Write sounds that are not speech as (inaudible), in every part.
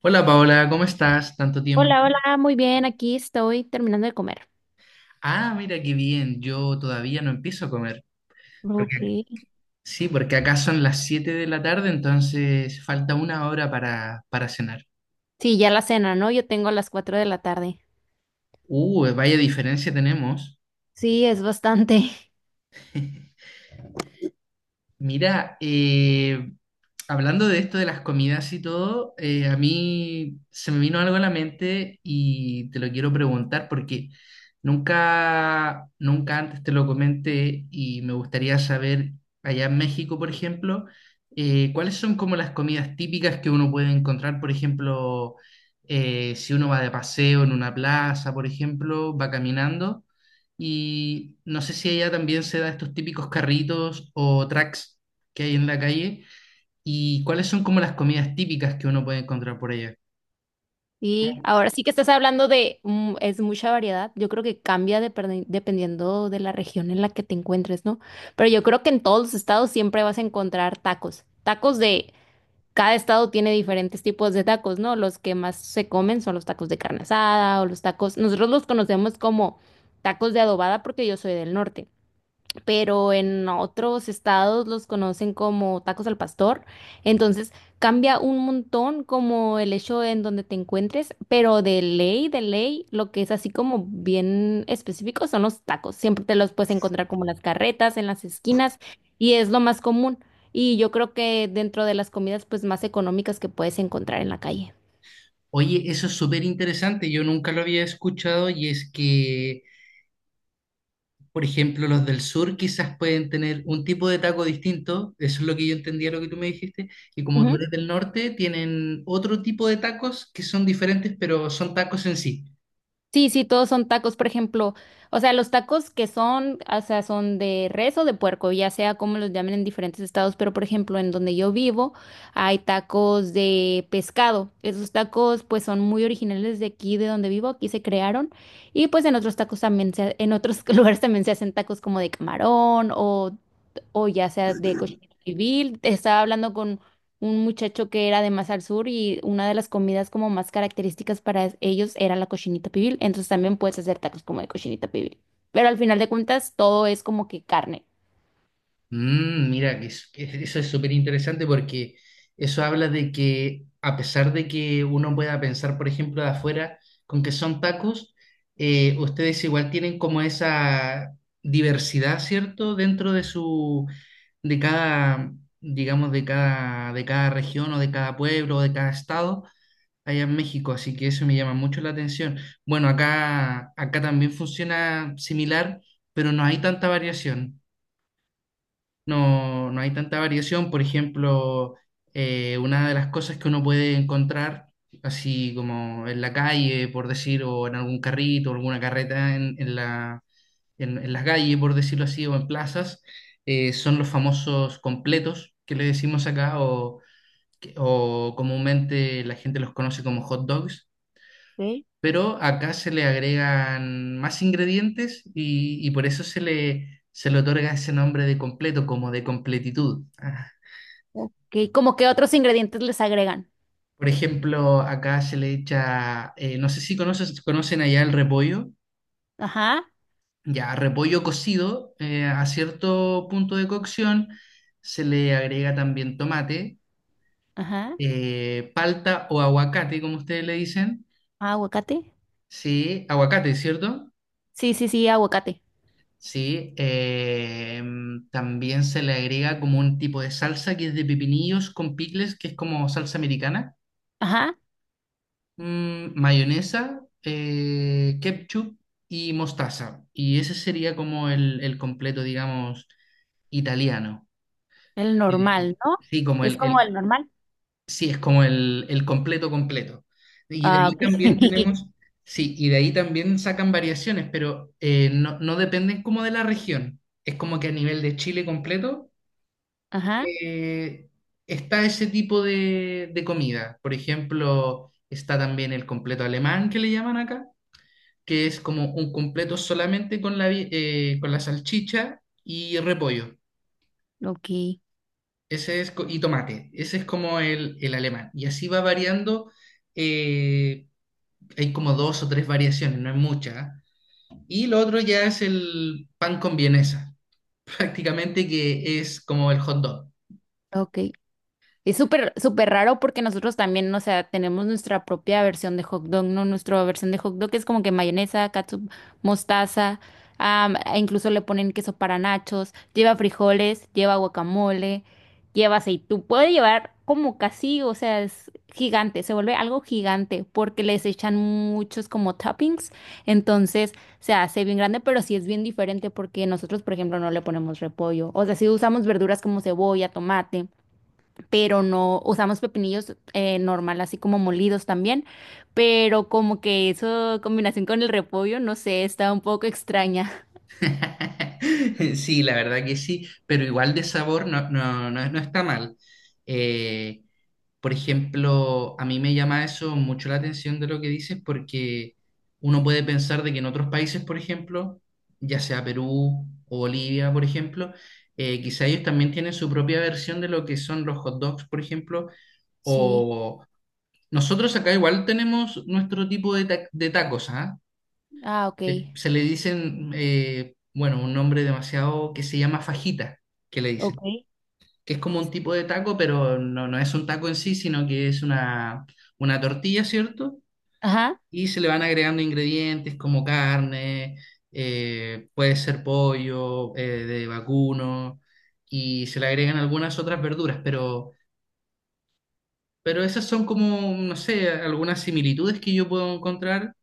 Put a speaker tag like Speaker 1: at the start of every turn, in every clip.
Speaker 1: Hola Paola, ¿cómo estás? Tanto tiempo.
Speaker 2: Hola, hola, muy bien, aquí estoy terminando de comer.
Speaker 1: Ah, mira qué bien, yo todavía no empiezo a comer.
Speaker 2: Ok.
Speaker 1: Porque, sí, porque acá son las 7 de la tarde, entonces falta una hora para cenar.
Speaker 2: Sí, ya la cena, ¿no? Yo tengo a las 4 de la tarde.
Speaker 1: Vaya diferencia tenemos.
Speaker 2: Sí, es bastante. (laughs)
Speaker 1: Mira, hablando de esto de las comidas y todo, a mí se me vino algo a la mente y te lo quiero preguntar porque nunca antes te lo comenté y me gustaría saber, allá en México, por ejemplo, cuáles son como las comidas típicas que uno puede encontrar, por ejemplo, si uno va de paseo en una plaza, por ejemplo, va caminando. Y no sé si allá también se da estos típicos carritos o tracks que hay en la calle. ¿Y cuáles son como las comidas típicas que uno puede encontrar por allá?
Speaker 2: Sí, ahora sí que estás hablando de, es mucha variedad. Yo creo que cambia dependiendo de la región en la que te encuentres, ¿no? Pero yo creo que en todos los estados siempre vas a encontrar tacos. Tacos de, cada estado tiene diferentes tipos de tacos, ¿no? Los que más se comen son los tacos de carne asada o los tacos, nosotros los conocemos como tacos de adobada porque yo soy del norte. Pero en otros estados los conocen como tacos al pastor. Entonces cambia un montón como el hecho en donde te encuentres, pero de ley, lo que es así como bien específico son los tacos. Siempre te los puedes encontrar como en las carretas, en las esquinas, y es lo más común. Y yo creo que dentro de las comidas pues más económicas que puedes encontrar en la calle.
Speaker 1: Oye, eso es súper interesante, yo nunca lo había escuchado y es que, por ejemplo, los del sur quizás pueden tener un tipo de taco distinto, eso es lo que yo entendía, lo que tú me dijiste, y como tú eres del norte, tienen otro tipo de tacos que son diferentes, pero son tacos en sí.
Speaker 2: Sí, sí, todos son tacos, por ejemplo, o sea, los tacos que son, o sea, son de res o de puerco, ya sea como los llamen en diferentes estados, pero por ejemplo, en donde yo vivo hay tacos de pescado. Esos tacos pues son muy originales de aquí, de donde vivo, aquí se crearon y pues en otros tacos también se, en otros (laughs) lugares también se hacen tacos como de camarón o ya sea de cochinito pibil. Estaba hablando con un muchacho que era de más al sur y una de las comidas como más características para ellos era la cochinita pibil. Entonces también puedes hacer tacos como de cochinita pibil. Pero al final de cuentas todo es como que carne.
Speaker 1: Mm, mira, que eso es súper interesante porque eso habla de que a pesar de que uno pueda pensar, por ejemplo, de afuera con que son tacos, ustedes igual tienen como esa diversidad, ¿cierto? Dentro de su, de cada, digamos, de cada región o de cada pueblo o de cada estado allá en México, así que eso me llama mucho la atención. Bueno, acá también funciona similar, pero no hay tanta variación, no, no hay tanta variación. Por ejemplo, una de las cosas que uno puede encontrar, así como en la calle, por decir, o en algún carrito, o alguna carreta en las calles, por decirlo así, o en plazas, son los famosos completos que le decimos acá, o, o comúnmente la gente los conoce como hot dogs, pero acá se le agregan más ingredientes y por eso se le otorga ese nombre de completo, como de completitud. Ah.
Speaker 2: Ok, como que otros ingredientes les agregan.
Speaker 1: Por ejemplo, acá se le echa, no sé si conocen allá el repollo,
Speaker 2: Ajá,
Speaker 1: ya repollo cocido, a cierto punto de cocción se le agrega también tomate,
Speaker 2: ajá.
Speaker 1: palta o aguacate, como ustedes le dicen.
Speaker 2: Ah, aguacate.
Speaker 1: Sí, aguacate, ¿cierto?
Speaker 2: Sí, sí, sí, aguacate.
Speaker 1: Sí, también se le agrega como un tipo de salsa que es de pepinillos con picles, que es como salsa americana.
Speaker 2: Ajá,
Speaker 1: Mayonesa, ketchup y mostaza. Y ese sería como el completo, digamos, italiano.
Speaker 2: el
Speaker 1: Eh,
Speaker 2: normal, ¿no?
Speaker 1: sí,
Speaker 2: Es como el normal.
Speaker 1: sí, es como el completo completo. Y de
Speaker 2: Ah,
Speaker 1: ahí
Speaker 2: ok.
Speaker 1: también
Speaker 2: (laughs)
Speaker 1: tenemos, sí, y de ahí también sacan variaciones, pero no, no dependen como de la región. Es como que a nivel de Chile completo.
Speaker 2: Ajá,
Speaker 1: eh, está ese tipo de comida. Por ejemplo, está también el completo alemán que le llaman acá, que es como un completo solamente con con la salchicha y repollo.
Speaker 2: ok,
Speaker 1: Ese es, y tomate. Ese es como el alemán. Y así va variando. eh, hay como 2 o 3 variaciones, no es mucha. Y lo otro ya es el pan con vienesa, (laughs) prácticamente que es como el hot dog.
Speaker 2: ok. Es súper, súper raro porque nosotros también, o sea, tenemos nuestra propia versión de hot dog, ¿no? Nuestra versión de hot dog es como que mayonesa, catsup, mostaza, am, e incluso le ponen queso para nachos, lleva frijoles, lleva guacamole, lleva aceitú, puede llevar como casi, o sea, es gigante, se vuelve algo gigante porque les echan muchos como toppings, entonces se hace bien grande, pero sí es bien diferente porque nosotros, por ejemplo, no le ponemos repollo, o sea, sí usamos verduras como cebolla, tomate pero no usamos pepinillos normal, así como molidos también, pero como que eso combinación con el repollo, no sé, está un poco extraña.
Speaker 1: (laughs) Sí, la verdad que sí, pero igual de sabor no está mal. Eh, por ejemplo, a mí me llama eso mucho la atención de lo que dices porque uno puede pensar de que en otros países, por ejemplo, ya sea Perú o Bolivia, por ejemplo, quizá ellos también tienen su propia versión de lo que son los hot dogs, por ejemplo,
Speaker 2: Sí,
Speaker 1: o nosotros acá igual tenemos nuestro tipo de, de tacos, ¿ah?
Speaker 2: ah, ok,
Speaker 1: Se le dicen, bueno, un nombre demasiado que se llama fajita, que le dicen,
Speaker 2: ok.
Speaker 1: que es como un tipo de taco, pero no, no es un taco en sí, sino que es una tortilla, ¿cierto?
Speaker 2: Ajá.
Speaker 1: Y se le van agregando ingredientes como carne, puede ser pollo, de vacuno, y se le agregan algunas otras verduras, pero esas son como, no sé, algunas similitudes que yo puedo encontrar.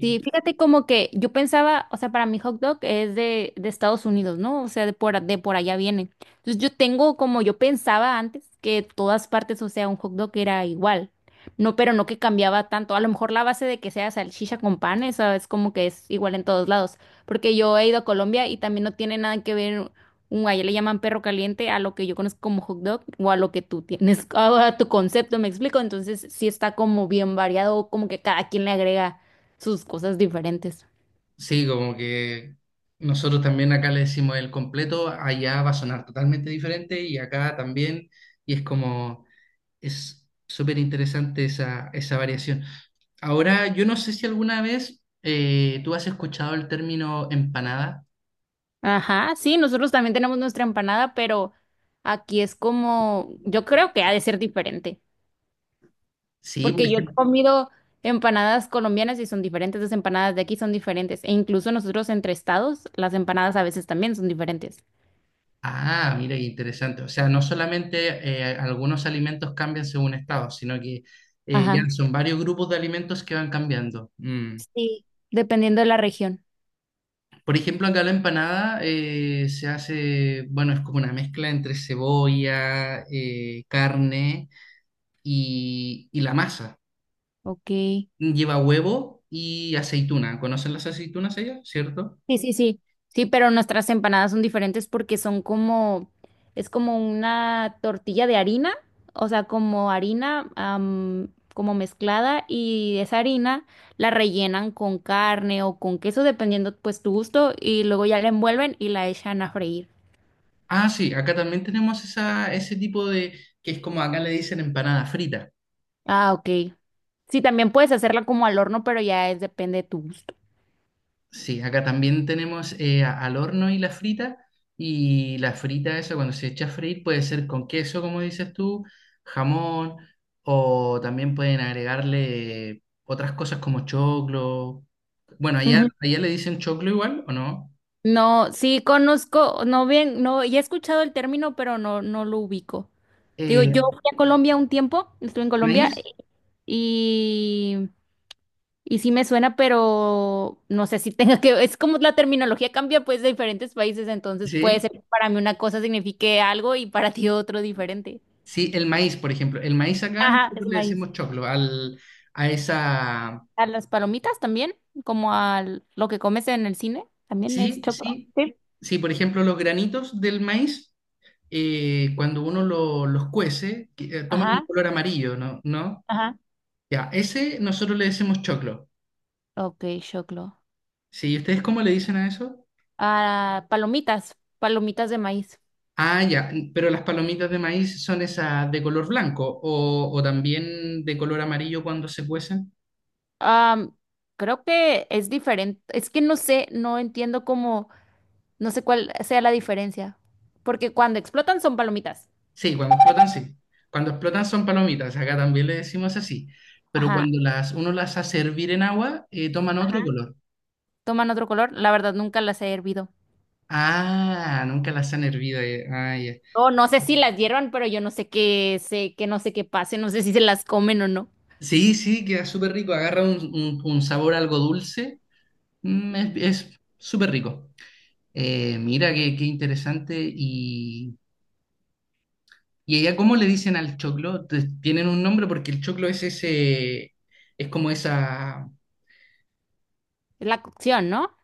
Speaker 2: Sí, fíjate como que yo pensaba, o sea, para mí hot dog es de Estados Unidos, ¿no? O sea, de por, de por allá viene. Entonces yo tengo como yo pensaba antes que todas partes, o sea, un hot dog era igual. No, pero no que cambiaba tanto. A lo mejor la base de que sea salchicha con pan, eso es como que es igual en todos lados. Porque yo he ido a Colombia y también no tiene nada que ver, un, allá le llaman perro caliente a lo que yo conozco como hot dog o a lo que tú tienes, (laughs) a tu concepto, ¿me explico? Entonces sí está como bien variado, como que cada quien le agrega sus cosas diferentes.
Speaker 1: Sí, como que nosotros también acá le decimos el completo, allá va a sonar totalmente diferente y acá también, y es como, es súper interesante esa, esa variación. Ahora, yo no sé si alguna vez tú has escuchado el término empanada.
Speaker 2: Ajá, sí, nosotros también tenemos nuestra empanada, pero aquí es como, yo creo que ha de ser diferente,
Speaker 1: Sí, por
Speaker 2: porque yo he
Speaker 1: ejemplo.
Speaker 2: comido empanadas colombianas y son diferentes, las empanadas de aquí son diferentes, e incluso nosotros entre estados, las empanadas a veces también son diferentes.
Speaker 1: Ah, mira, qué interesante. O sea, no solamente algunos alimentos cambian según estado, sino que ya
Speaker 2: Ajá,
Speaker 1: son varios grupos de alimentos que van cambiando. Mm.
Speaker 2: sí, dependiendo de la región.
Speaker 1: Por ejemplo, acá la empanada se hace, bueno, es como una mezcla entre cebolla, carne y la masa.
Speaker 2: Ok.
Speaker 1: Lleva huevo y aceituna. ¿Conocen las aceitunas ellas? ¿Cierto?
Speaker 2: Sí, sí, sí. Sí, pero nuestras empanadas son diferentes porque son como, es como una tortilla de harina, o sea, como harina, am, como mezclada y esa harina la rellenan con carne o con queso, dependiendo pues tu gusto, y luego ya la envuelven y la echan a freír.
Speaker 1: Ah, sí, acá también tenemos esa, ese tipo de, que es como acá le dicen empanada frita.
Speaker 2: Ah, ok. Sí, también puedes hacerla como al horno, pero ya es depende de tu gusto.
Speaker 1: Sí, acá también tenemos al horno y la frita. Y la frita, eso cuando se echa a freír, puede ser con queso, como dices tú, jamón, o también pueden agregarle otras cosas como choclo. Bueno,
Speaker 2: Ujú.
Speaker 1: allá le dicen choclo igual, ¿o no?
Speaker 2: No, sí conozco, no bien, no, ya he escuchado el término, pero no, no lo ubico. Te digo, yo
Speaker 1: Eh,
Speaker 2: fui a Colombia un tiempo, estuve en
Speaker 1: maíz,
Speaker 2: Colombia y, y sí me suena, pero no sé si tenga que, es como la terminología cambia pues de diferentes países, entonces puede
Speaker 1: sí.
Speaker 2: ser que para mí una cosa signifique algo y para ti otro diferente.
Speaker 1: Sí, el maíz, por ejemplo. El maíz acá
Speaker 2: Ajá,
Speaker 1: nosotros
Speaker 2: es
Speaker 1: le
Speaker 2: maíz.
Speaker 1: decimos choclo al, a esa.
Speaker 2: A las palomitas también, como a lo que comes en el cine, también es
Speaker 1: Sí,
Speaker 2: choclo.
Speaker 1: sí.
Speaker 2: Sí.
Speaker 1: Sí, por ejemplo, los granitos del maíz. Cuando los cuece, toman un
Speaker 2: Ajá,
Speaker 1: color amarillo, ¿no? ¿No?
Speaker 2: ajá.
Speaker 1: Ya, ese nosotros le decimos choclo.
Speaker 2: Ok, choclo.
Speaker 1: Sí, ¿y ustedes cómo le dicen a eso?
Speaker 2: Ah, palomitas, palomitas de maíz.
Speaker 1: Ah, ya, pero las palomitas de maíz son esas de color blanco o también de color amarillo cuando se cuecen.
Speaker 2: Am, creo que es diferente. Es que no sé, no entiendo cómo, no sé cuál sea la diferencia. Porque cuando explotan son palomitas.
Speaker 1: Sí. Cuando explotan son palomitas, acá también le decimos así. Pero
Speaker 2: Ajá,
Speaker 1: cuando las, uno las hace hervir en agua, toman otro
Speaker 2: ajá.
Speaker 1: color.
Speaker 2: Toman otro color. La verdad, nunca las he hervido.
Speaker 1: Ah, nunca las han hervido. Ah, ya.
Speaker 2: No, no sé si las hiervan, pero yo no sé qué sé, que no sé qué pase, no sé si se las comen o no.
Speaker 1: Sí, sí, queda súper rico, agarra un, un sabor algo dulce. Mm, es súper rico. Mira, qué, qué interesante. Y allá cómo le dicen al choclo? ¿Tienen un nombre? Porque el choclo es ese, es como esa,
Speaker 2: Es la cocción, ¿no?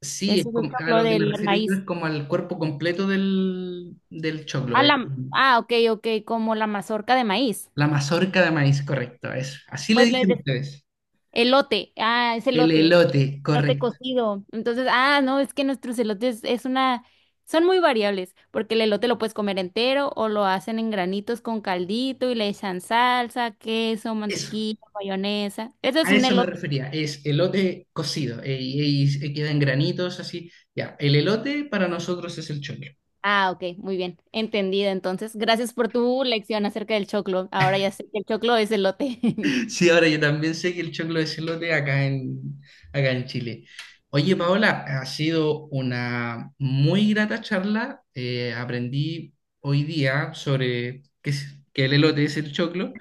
Speaker 1: sí,
Speaker 2: Ese
Speaker 1: es
Speaker 2: es el
Speaker 1: como, a
Speaker 2: choclo
Speaker 1: lo que me
Speaker 2: del
Speaker 1: refiero yo
Speaker 2: maíz.
Speaker 1: es como al cuerpo completo del, del choclo,
Speaker 2: Ah, la, ah, ok, ok, como la mazorca de maíz.
Speaker 1: La mazorca de maíz, correcto, eso. Así le
Speaker 2: Pues
Speaker 1: dicen ustedes.
Speaker 2: elote. Ah, es
Speaker 1: El
Speaker 2: elote.
Speaker 1: elote,
Speaker 2: Elote
Speaker 1: correcto.
Speaker 2: cocido. Entonces, ah, no, es que nuestros elotes es una, son muy variables, porque el elote lo puedes comer entero o lo hacen en granitos con caldito y le echan salsa, queso,
Speaker 1: Eso.
Speaker 2: mantequilla, mayonesa. Eso es
Speaker 1: A
Speaker 2: un
Speaker 1: eso me
Speaker 2: elote.
Speaker 1: refería, es elote cocido y, y queda en granitos así. Ya, el elote para nosotros es el choclo.
Speaker 2: Ah, ok, muy bien, entendida. Entonces, gracias por tu lección acerca del choclo. Ahora ya sé que el choclo es elote. (laughs)
Speaker 1: (laughs) Sí, ahora yo también sé que el choclo es elote acá en, acá en Chile. Oye,
Speaker 2: Sí.
Speaker 1: Paola, ha sido una muy grata charla. Aprendí hoy día sobre que, que el elote es el choclo.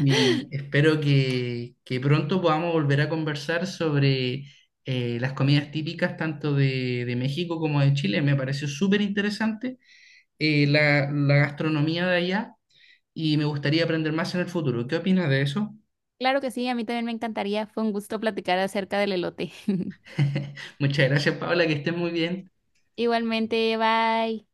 Speaker 1: Y espero que pronto podamos volver a conversar sobre las comidas típicas tanto de México como de Chile. Me pareció súper interesante la, la gastronomía de allá y me gustaría aprender más en el futuro. ¿Qué opinas de eso?
Speaker 2: Claro que sí, a mí también me encantaría. Fue un gusto platicar acerca del elote. (laughs)
Speaker 1: (laughs) Muchas gracias, Paula, que estés muy bien.
Speaker 2: Igualmente, bye.